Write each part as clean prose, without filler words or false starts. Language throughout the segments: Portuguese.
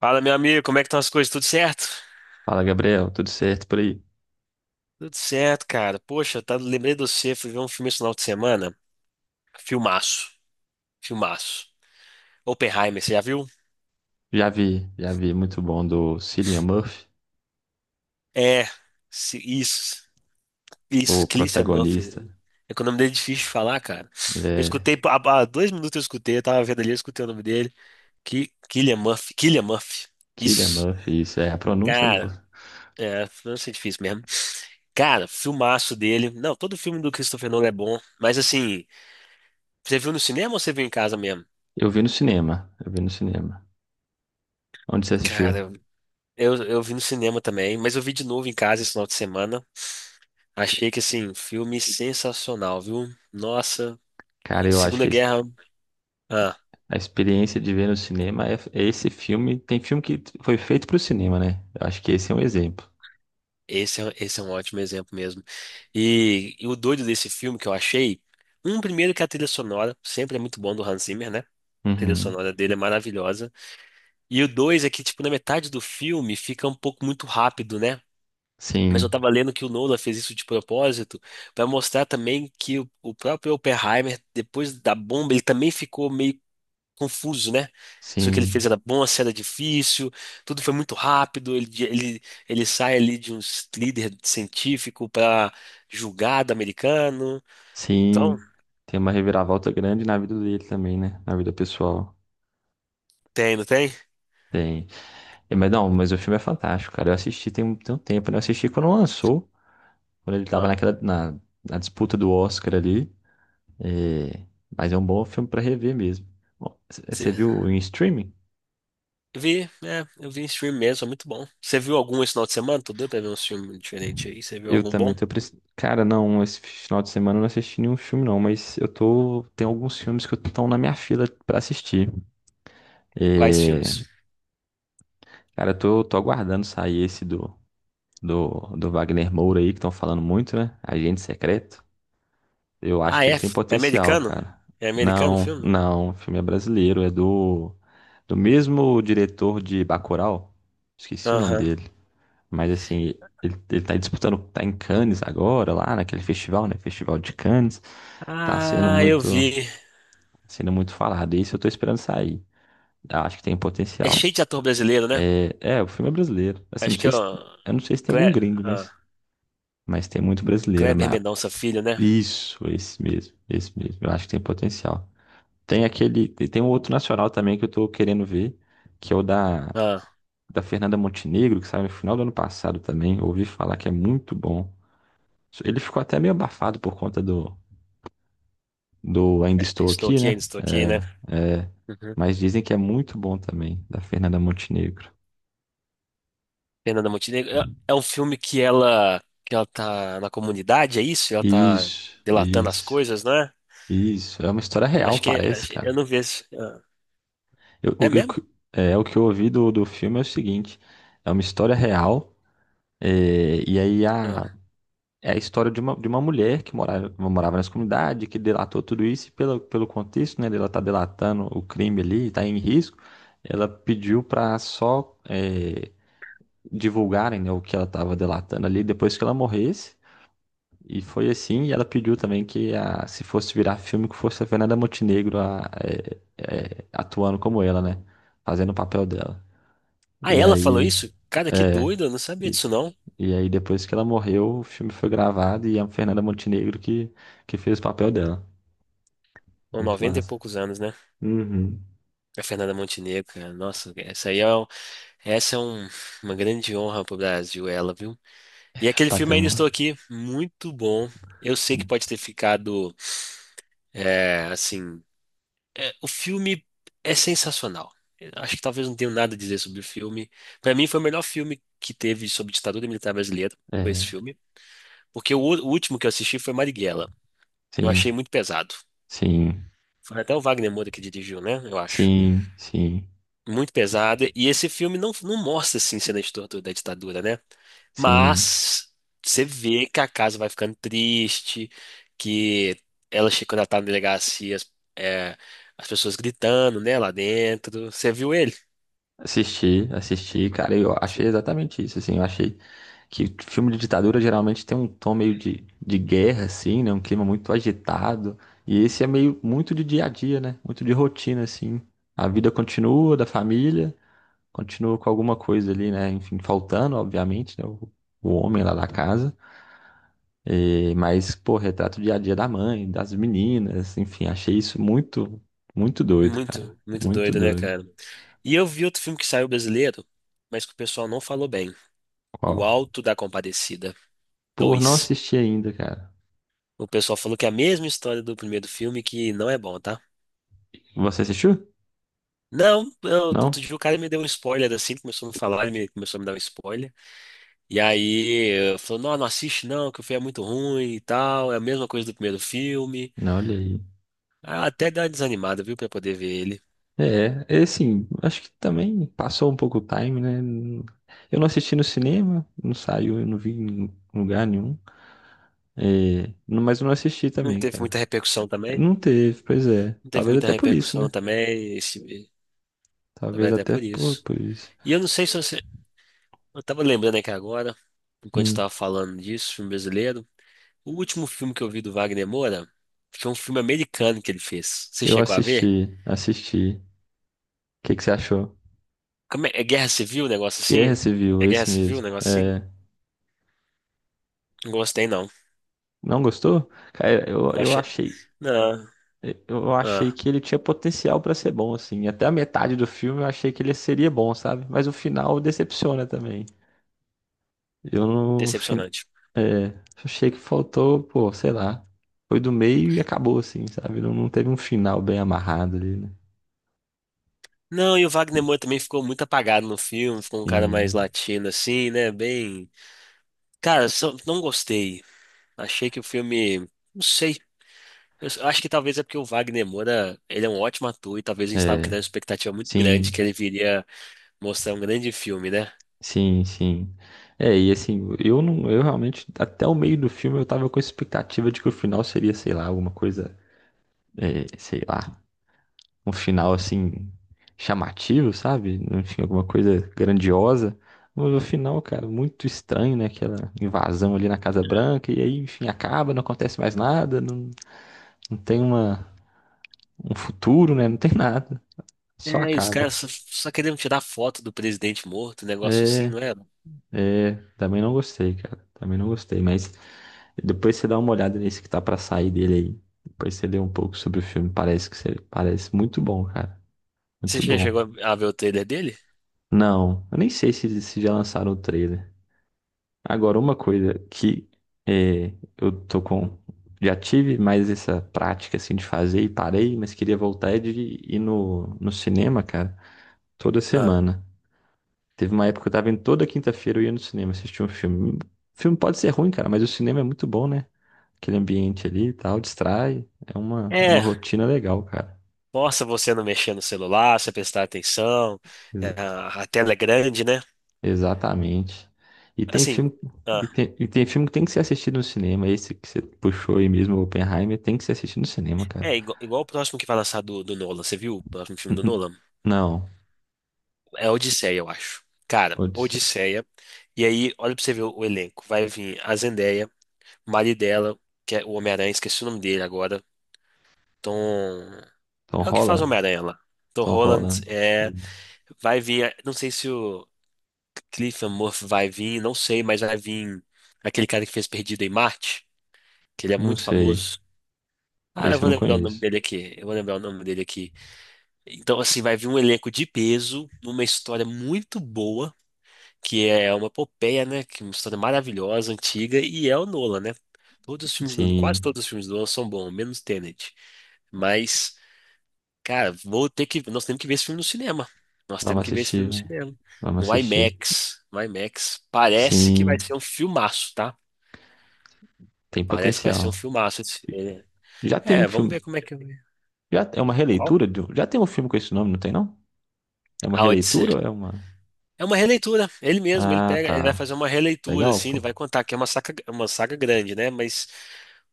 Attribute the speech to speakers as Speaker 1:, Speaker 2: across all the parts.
Speaker 1: Fala, meu amigo, como é que estão as coisas? Tudo certo?
Speaker 2: Fala, Gabriel, tudo certo por aí?
Speaker 1: Tudo certo, cara. Poxa, tá, lembrei de você, fui ver um filme esse final de semana. Filmaço, filmaço. Oppenheimer, você já viu?
Speaker 2: Já vi, muito bom do Cillian Murphy,
Speaker 1: É, isso,
Speaker 2: o
Speaker 1: isso, Cillian Murphy.
Speaker 2: protagonista,
Speaker 1: É que o nome dele é difícil de falar, cara. Eu
Speaker 2: é,
Speaker 1: escutei, há 2 minutos eu escutei, eu tava vendo ali, eu escutei o nome dele. Que, Cillian Murphy, Cillian Murphy.
Speaker 2: Cillian
Speaker 1: Isso,
Speaker 2: Murphy, isso é a pronúncia, eu não vou.
Speaker 1: cara, é, não sei, difícil mesmo. Cara, filmaço dele. Não, todo filme do Christopher Nolan é bom, mas assim, você viu no cinema ou você viu em casa mesmo?
Speaker 2: Eu vi no cinema, eu vi no cinema. Onde você assistiu?
Speaker 1: Cara, eu vi no cinema também, mas eu vi de novo em casa esse final de semana. Achei que, assim, filme sensacional, viu? Nossa,
Speaker 2: Cara,
Speaker 1: e
Speaker 2: eu acho
Speaker 1: Segunda
Speaker 2: que
Speaker 1: Guerra. Ah,
Speaker 2: a experiência de ver no cinema é esse filme, tem filme que foi feito pro cinema, né? Eu acho que esse é um exemplo.
Speaker 1: esse, esse é um ótimo exemplo mesmo. E o doido desse filme que eu achei, um primeiro que a trilha sonora, sempre é muito bom do Hans Zimmer, né? A trilha
Speaker 2: Uhum.
Speaker 1: sonora dele é maravilhosa. E o dois é que, tipo, na metade do filme fica um pouco muito rápido, né? Mas eu
Speaker 2: Sim,
Speaker 1: tava lendo que o Nolan fez isso de propósito para mostrar também que o próprio Oppenheimer, depois da bomba, ele também ficou meio confuso, né? Se o que ele
Speaker 2: sim,
Speaker 1: fez era bom, se era difícil, tudo foi muito rápido. Ele sai ali de um líder científico para julgado americano. Então,
Speaker 2: sim, tem uma reviravolta grande na vida dele também, né? Na vida pessoal.
Speaker 1: tem, não tem?
Speaker 2: Tem. É, mas não, mas o filme é fantástico, cara. Eu assisti tem um tempo, né? Eu assisti quando lançou, quando ele tava
Speaker 1: Ah,
Speaker 2: naquela, na, na disputa do Oscar ali. É, mas é um bom filme pra rever mesmo. Bom, você
Speaker 1: cê-
Speaker 2: viu em streaming?
Speaker 1: eu vi, é, eu vi em stream mesmo, é muito bom. Você viu algum esse final de semana? Tô doido pra ver um filme diferente aí. Você viu
Speaker 2: Eu
Speaker 1: algum
Speaker 2: também
Speaker 1: bom?
Speaker 2: tô precisando. Cara, não, esse final de semana eu não assisti nenhum filme, não, mas eu tô. Tem alguns filmes que estão na minha fila pra assistir.
Speaker 1: Quais
Speaker 2: É,
Speaker 1: filmes?
Speaker 2: cara, eu tô, tô aguardando sair esse do, do, do Wagner Moura aí, que estão falando muito, né? Agente Secreto. Eu acho
Speaker 1: Ah,
Speaker 2: que ele
Speaker 1: é?
Speaker 2: tem
Speaker 1: É
Speaker 2: potencial,
Speaker 1: americano?
Speaker 2: cara.
Speaker 1: É americano o
Speaker 2: Não,
Speaker 1: filme?
Speaker 2: não, o filme é brasileiro, é do mesmo diretor de Bacurau. Esqueci o nome
Speaker 1: Aham.
Speaker 2: dele, mas assim, ele tá disputando, tá em Cannes agora, lá naquele festival, né? Festival de Cannes. Tá
Speaker 1: Ah, eu vi.
Speaker 2: sendo muito falado. E isso eu tô esperando sair. Eu acho que tem
Speaker 1: É cheio
Speaker 2: potencial.
Speaker 1: de ator brasileiro, né?
Speaker 2: É, é, o filme é brasileiro. Assim, não
Speaker 1: Acho que é
Speaker 2: sei se,
Speaker 1: o
Speaker 2: eu não sei se tem algum
Speaker 1: Cle...
Speaker 2: gringo,
Speaker 1: ah,
Speaker 2: mas tem muito brasileiro,
Speaker 1: Kleber
Speaker 2: mas
Speaker 1: Mendonça Filho, né?
Speaker 2: isso, esse mesmo, esse mesmo. Eu acho que tem potencial. Tem aquele. Tem um outro nacional também que eu tô querendo ver, que é o da,
Speaker 1: Ah,
Speaker 2: da Fernanda Montenegro, que saiu no final do ano passado também. Ouvi falar que é muito bom. Ele ficou até meio abafado por conta do, do Ainda
Speaker 1: é,
Speaker 2: Estou
Speaker 1: estou
Speaker 2: Aqui,
Speaker 1: aqui, ainda
Speaker 2: né?
Speaker 1: estou aqui, né?
Speaker 2: É, é.
Speaker 1: Uhum.
Speaker 2: Mas dizem que é muito bom também, da Fernanda Montenegro.
Speaker 1: Fernanda Montenegro. É um filme que ela tá na comunidade, é isso? Ela tá
Speaker 2: Isso,
Speaker 1: delatando as
Speaker 2: isso,
Speaker 1: coisas, né?
Speaker 2: isso. É uma história real,
Speaker 1: Acho que é-
Speaker 2: parece,
Speaker 1: acho- eu
Speaker 2: cara.
Speaker 1: não vi esse. Ah,
Speaker 2: Eu-
Speaker 1: é
Speaker 2: o,
Speaker 1: mesmo?
Speaker 2: que- É, o que eu ouvi do, do filme é o seguinte: é uma história real, é, e aí a,
Speaker 1: Ah.
Speaker 2: é a história de uma mulher que morava, morava nessa comunidade, que delatou tudo isso, e pelo, pelo contexto, né, dela tá delatando o crime ali, tá em risco, ela pediu para só é, divulgarem, né, o que ela estava delatando ali depois que ela morresse, e foi assim, e ela pediu também que a, se fosse virar filme, que fosse a Fernanda Montenegro é, é, atuando como ela, né, fazendo o papel dela.
Speaker 1: Ah,
Speaker 2: E
Speaker 1: ela falou
Speaker 2: aí,
Speaker 1: isso? Cara, que
Speaker 2: é,
Speaker 1: doido, eu não sabia disso não.
Speaker 2: e aí, depois que ela morreu, o filme foi gravado e é a Fernanda Montenegro que fez o papel dela.
Speaker 1: Com
Speaker 2: Muito
Speaker 1: 90 e
Speaker 2: massa.
Speaker 1: poucos anos, né?
Speaker 2: Uhum.
Speaker 1: A Fernanda Montenegro, cara. Nossa, essa aí é, essa é um- uma grande honra pro Brasil, ela, viu? E aquele filme Ainda
Speaker 2: Patrimônio.
Speaker 1: Estou Aqui, muito bom. Eu sei que pode ter ficado, é, assim, é, o filme é sensacional. Eu acho que talvez não tenha nada a dizer sobre o filme. Para mim foi o melhor filme que teve sobre ditadura militar brasileira, foi esse
Speaker 2: É,
Speaker 1: filme, porque o último que eu assisti foi Marighella. Eu
Speaker 2: sim,
Speaker 1: achei muito pesado.
Speaker 2: sim,
Speaker 1: Foi até o Wagner Moura que dirigiu, né? Eu acho.
Speaker 2: sim, sim,
Speaker 1: Muito pesada. E esse filme não, não mostra assim cena de tortura da ditadura, né?
Speaker 2: sim.
Speaker 1: Mas você vê que a casa vai ficando triste, que ela chega quando ela tá na delegacia, as é, as pessoas gritando, né, lá dentro. Você viu ele?
Speaker 2: Assisti, assisti, cara, eu achei
Speaker 1: Sim.
Speaker 2: exatamente isso, assim, eu achei que filme de ditadura geralmente tem um tom meio de guerra, assim, né, um clima muito agitado, e esse é meio muito de dia a dia, né, muito de rotina, assim, a vida continua da família, continua com alguma coisa ali, né? Enfim, faltando, obviamente, né? O homem lá da casa. Mas, pô, retrata o dia a dia da mãe, das meninas, enfim, achei isso muito, muito doido, cara.
Speaker 1: Muito, muito
Speaker 2: Muito
Speaker 1: doido, né,
Speaker 2: doido.
Speaker 1: cara? E eu vi outro filme que saiu brasileiro, mas que o pessoal não falou bem. O
Speaker 2: Qual?
Speaker 1: Alto da Compadecida
Speaker 2: Pô, não
Speaker 1: 2.
Speaker 2: assisti ainda, cara.
Speaker 1: O pessoal falou que é a mesma história do primeiro filme, que não é bom, tá?
Speaker 2: Você assistiu?
Speaker 1: Não, não, outro
Speaker 2: Não?
Speaker 1: dia o cara me deu um spoiler assim, começou a me falar, começou a me dar um spoiler. E aí eu falou, não, não assiste não, que o filme é muito ruim e tal, é a mesma coisa do primeiro filme.
Speaker 2: Não, olha aí.
Speaker 1: Ah, até deu uma desanimada, viu, pra poder ver ele.
Speaker 2: É, é assim, acho que também passou um pouco o time, né? Eu não assisti no cinema, não saiu, eu não vi em lugar nenhum. É, não- mas eu não assisti
Speaker 1: Não
Speaker 2: também,
Speaker 1: teve
Speaker 2: cara.
Speaker 1: muita repercussão também.
Speaker 2: Não teve, pois é.
Speaker 1: Não teve
Speaker 2: Talvez
Speaker 1: muita
Speaker 2: até por isso,
Speaker 1: repercussão
Speaker 2: né?
Speaker 1: também, esse,
Speaker 2: Talvez
Speaker 1: talvez até
Speaker 2: até
Speaker 1: por isso.
Speaker 2: por isso.
Speaker 1: E eu não sei se você. Eu tava lembrando aqui agora, enquanto
Speaker 2: Hum,
Speaker 1: estava falando disso, filme brasileiro. O último filme que eu vi do Wagner Moura foi um filme americano que ele fez. Você
Speaker 2: eu
Speaker 1: chegou a ver?
Speaker 2: assisti, assisti. O que que você achou?
Speaker 1: Como é, é guerra civil o negócio assim?
Speaker 2: Guerra Civil,
Speaker 1: É guerra
Speaker 2: esse
Speaker 1: civil o
Speaker 2: mesmo.
Speaker 1: negócio assim?
Speaker 2: É,
Speaker 1: Não gostei, não.
Speaker 2: não gostou? Cara, eu,
Speaker 1: Não
Speaker 2: eu
Speaker 1: achei.
Speaker 2: achei,
Speaker 1: Não,
Speaker 2: eu achei
Speaker 1: ah,
Speaker 2: que ele tinha potencial pra ser bom, assim. Até a metade do filme eu achei que ele seria bom, sabe? Mas o final decepciona também. Eu não, fin-
Speaker 1: decepcionante.
Speaker 2: É, achei que faltou, pô, sei lá. Foi do meio e acabou, assim, sabe? Não, não teve um final bem amarrado ali, né?
Speaker 1: Não, e o Wagner Moura também ficou muito apagado no filme, ficou um cara mais
Speaker 2: Sim.
Speaker 1: latino assim, né? Bem. Cara, só- não gostei. Achei que o filme. Não sei. Acho que talvez é porque o Wagner Moura, ele é um ótimo ator e talvez a gente estava criando
Speaker 2: É,
Speaker 1: uma expectativa muito grande
Speaker 2: sim,
Speaker 1: que ele viria mostrar um grande filme, né?
Speaker 2: sim. É, e assim, eu não, eu realmente, até o meio do filme eu tava com a expectativa de que o final seria, sei lá, alguma coisa, é, sei lá, um final assim, chamativo, sabe? Enfim, alguma coisa grandiosa. Mas o final, cara, muito estranho, né? Aquela invasão ali na Casa Branca, e aí, enfim, acaba, não acontece mais nada, não, não tem uma, um futuro, né? Não tem nada, só
Speaker 1: É, e os caras
Speaker 2: acaba.
Speaker 1: só queriam tirar foto do presidente morto, um negócio assim,
Speaker 2: É,
Speaker 1: não era?
Speaker 2: é, também não gostei, cara. Também não gostei, mas depois você dá uma olhada nesse que tá pra sair dele aí. Depois você lê um pouco sobre o filme, parece que você, parece muito bom, cara.
Speaker 1: Você
Speaker 2: Muito bom.
Speaker 1: chegou a ver o trailer dele?
Speaker 2: Não, eu nem sei se, se já lançaram o trailer. Agora, uma coisa que é, eu tô com. Já tive mais essa prática assim de fazer e parei, mas queria voltar é de ir no, no cinema, cara, toda
Speaker 1: Ah,
Speaker 2: semana. Teve uma época que eu tava indo toda quinta-feira, eu ia no cinema assistir um filme. O filme pode ser ruim, cara, mas o cinema é muito bom, né? Aquele ambiente ali e tal, distrai. É uma
Speaker 1: é,
Speaker 2: rotina legal, cara.
Speaker 1: mostra você não mexer no celular, você prestar atenção, é,
Speaker 2: Ex-
Speaker 1: a tela é grande, né?
Speaker 2: Exatamente. E tem
Speaker 1: Assim,
Speaker 2: filme,
Speaker 1: ah,
Speaker 2: e tem filme que tem que ser assistido no cinema. Esse que você puxou aí mesmo, o Oppenheimer, tem que ser assistido no cinema, cara.
Speaker 1: é igual, igual o próximo que vai lançar do Nolan, você viu o próximo filme do
Speaker 2: Uhum.
Speaker 1: Nolan?
Speaker 2: Não.
Speaker 1: É Odisseia, eu acho. Cara,
Speaker 2: Odisseia.
Speaker 1: Odisseia, e aí, olha pra você ver o elenco, vai vir a Zendaya, o marido dela, que é o Homem-Aranha, esqueci o nome dele agora, Tom...
Speaker 2: Tom
Speaker 1: É o que faz o
Speaker 2: Holland?
Speaker 1: Homem-Aranha lá. Tom
Speaker 2: Tom
Speaker 1: Holland,
Speaker 2: Holland.
Speaker 1: é... Vai vir, não sei se o... Cillian Murphy vai vir, não sei, mas vai vir aquele cara que fez Perdido em Marte, que ele é
Speaker 2: Não
Speaker 1: muito
Speaker 2: sei.
Speaker 1: famoso. Ah, eu
Speaker 2: Esse eu
Speaker 1: vou
Speaker 2: não
Speaker 1: lembrar o nome
Speaker 2: conheço.
Speaker 1: dele aqui. Eu vou lembrar o nome dele aqui. Então, assim, vai vir um elenco de peso, numa história muito boa, que é uma epopeia, né? Que é uma história maravilhosa, antiga, e é o Nolan, né? Todos os filmes do, quase
Speaker 2: Sim.
Speaker 1: todos os filmes do Nolan são bons, menos Tenet. Mas cara, vou ter que. Nós temos que ver esse filme no cinema. Nós
Speaker 2: Vamos
Speaker 1: temos que ver esse filme
Speaker 2: assistir,
Speaker 1: no
Speaker 2: velho.
Speaker 1: cinema.
Speaker 2: Vamos
Speaker 1: No
Speaker 2: assistir.
Speaker 1: IMAX. No IMAX. Parece que vai
Speaker 2: Sim.
Speaker 1: ser um filmaço, tá?
Speaker 2: Tem
Speaker 1: Parece que vai ser um
Speaker 2: potencial.
Speaker 1: filmaço. Esse- ele-
Speaker 2: Já tem um
Speaker 1: É, vamos
Speaker 2: filme.
Speaker 1: ver como é que.
Speaker 2: Já é uma
Speaker 1: Qual?
Speaker 2: releitura de já tem um filme com esse nome, não tem não? É uma
Speaker 1: A
Speaker 2: releitura
Speaker 1: Odisseia.
Speaker 2: ou é uma.
Speaker 1: É uma releitura. Ele mesmo, ele
Speaker 2: Ah,
Speaker 1: pega, ele vai
Speaker 2: tá.
Speaker 1: fazer uma releitura,
Speaker 2: Legal,
Speaker 1: assim, ele
Speaker 2: pô.
Speaker 1: vai contar que é uma saga grande, né? Mas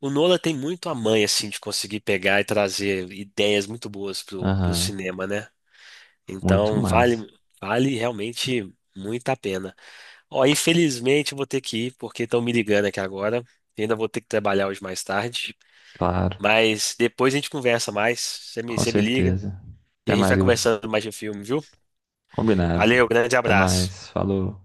Speaker 1: o Nola tem muito a mãe, assim, de conseguir pegar e trazer ideias muito boas pro
Speaker 2: Aham.
Speaker 1: cinema, né?
Speaker 2: Muito
Speaker 1: Então, vale,
Speaker 2: massa.
Speaker 1: vale realmente muito a pena. Ó, infelizmente eu vou ter que ir, porque estão me ligando aqui agora. E ainda vou ter que trabalhar hoje mais tarde.
Speaker 2: Claro.
Speaker 1: Mas depois a gente conversa mais.
Speaker 2: Com
Speaker 1: Você me liga
Speaker 2: certeza.
Speaker 1: e a
Speaker 2: Até
Speaker 1: gente
Speaker 2: mais,
Speaker 1: vai
Speaker 2: Gabriel.
Speaker 1: conversando mais de filme, viu?
Speaker 2: Combinado.
Speaker 1: Valeu, grande
Speaker 2: Até
Speaker 1: abraço.
Speaker 2: mais. Falou.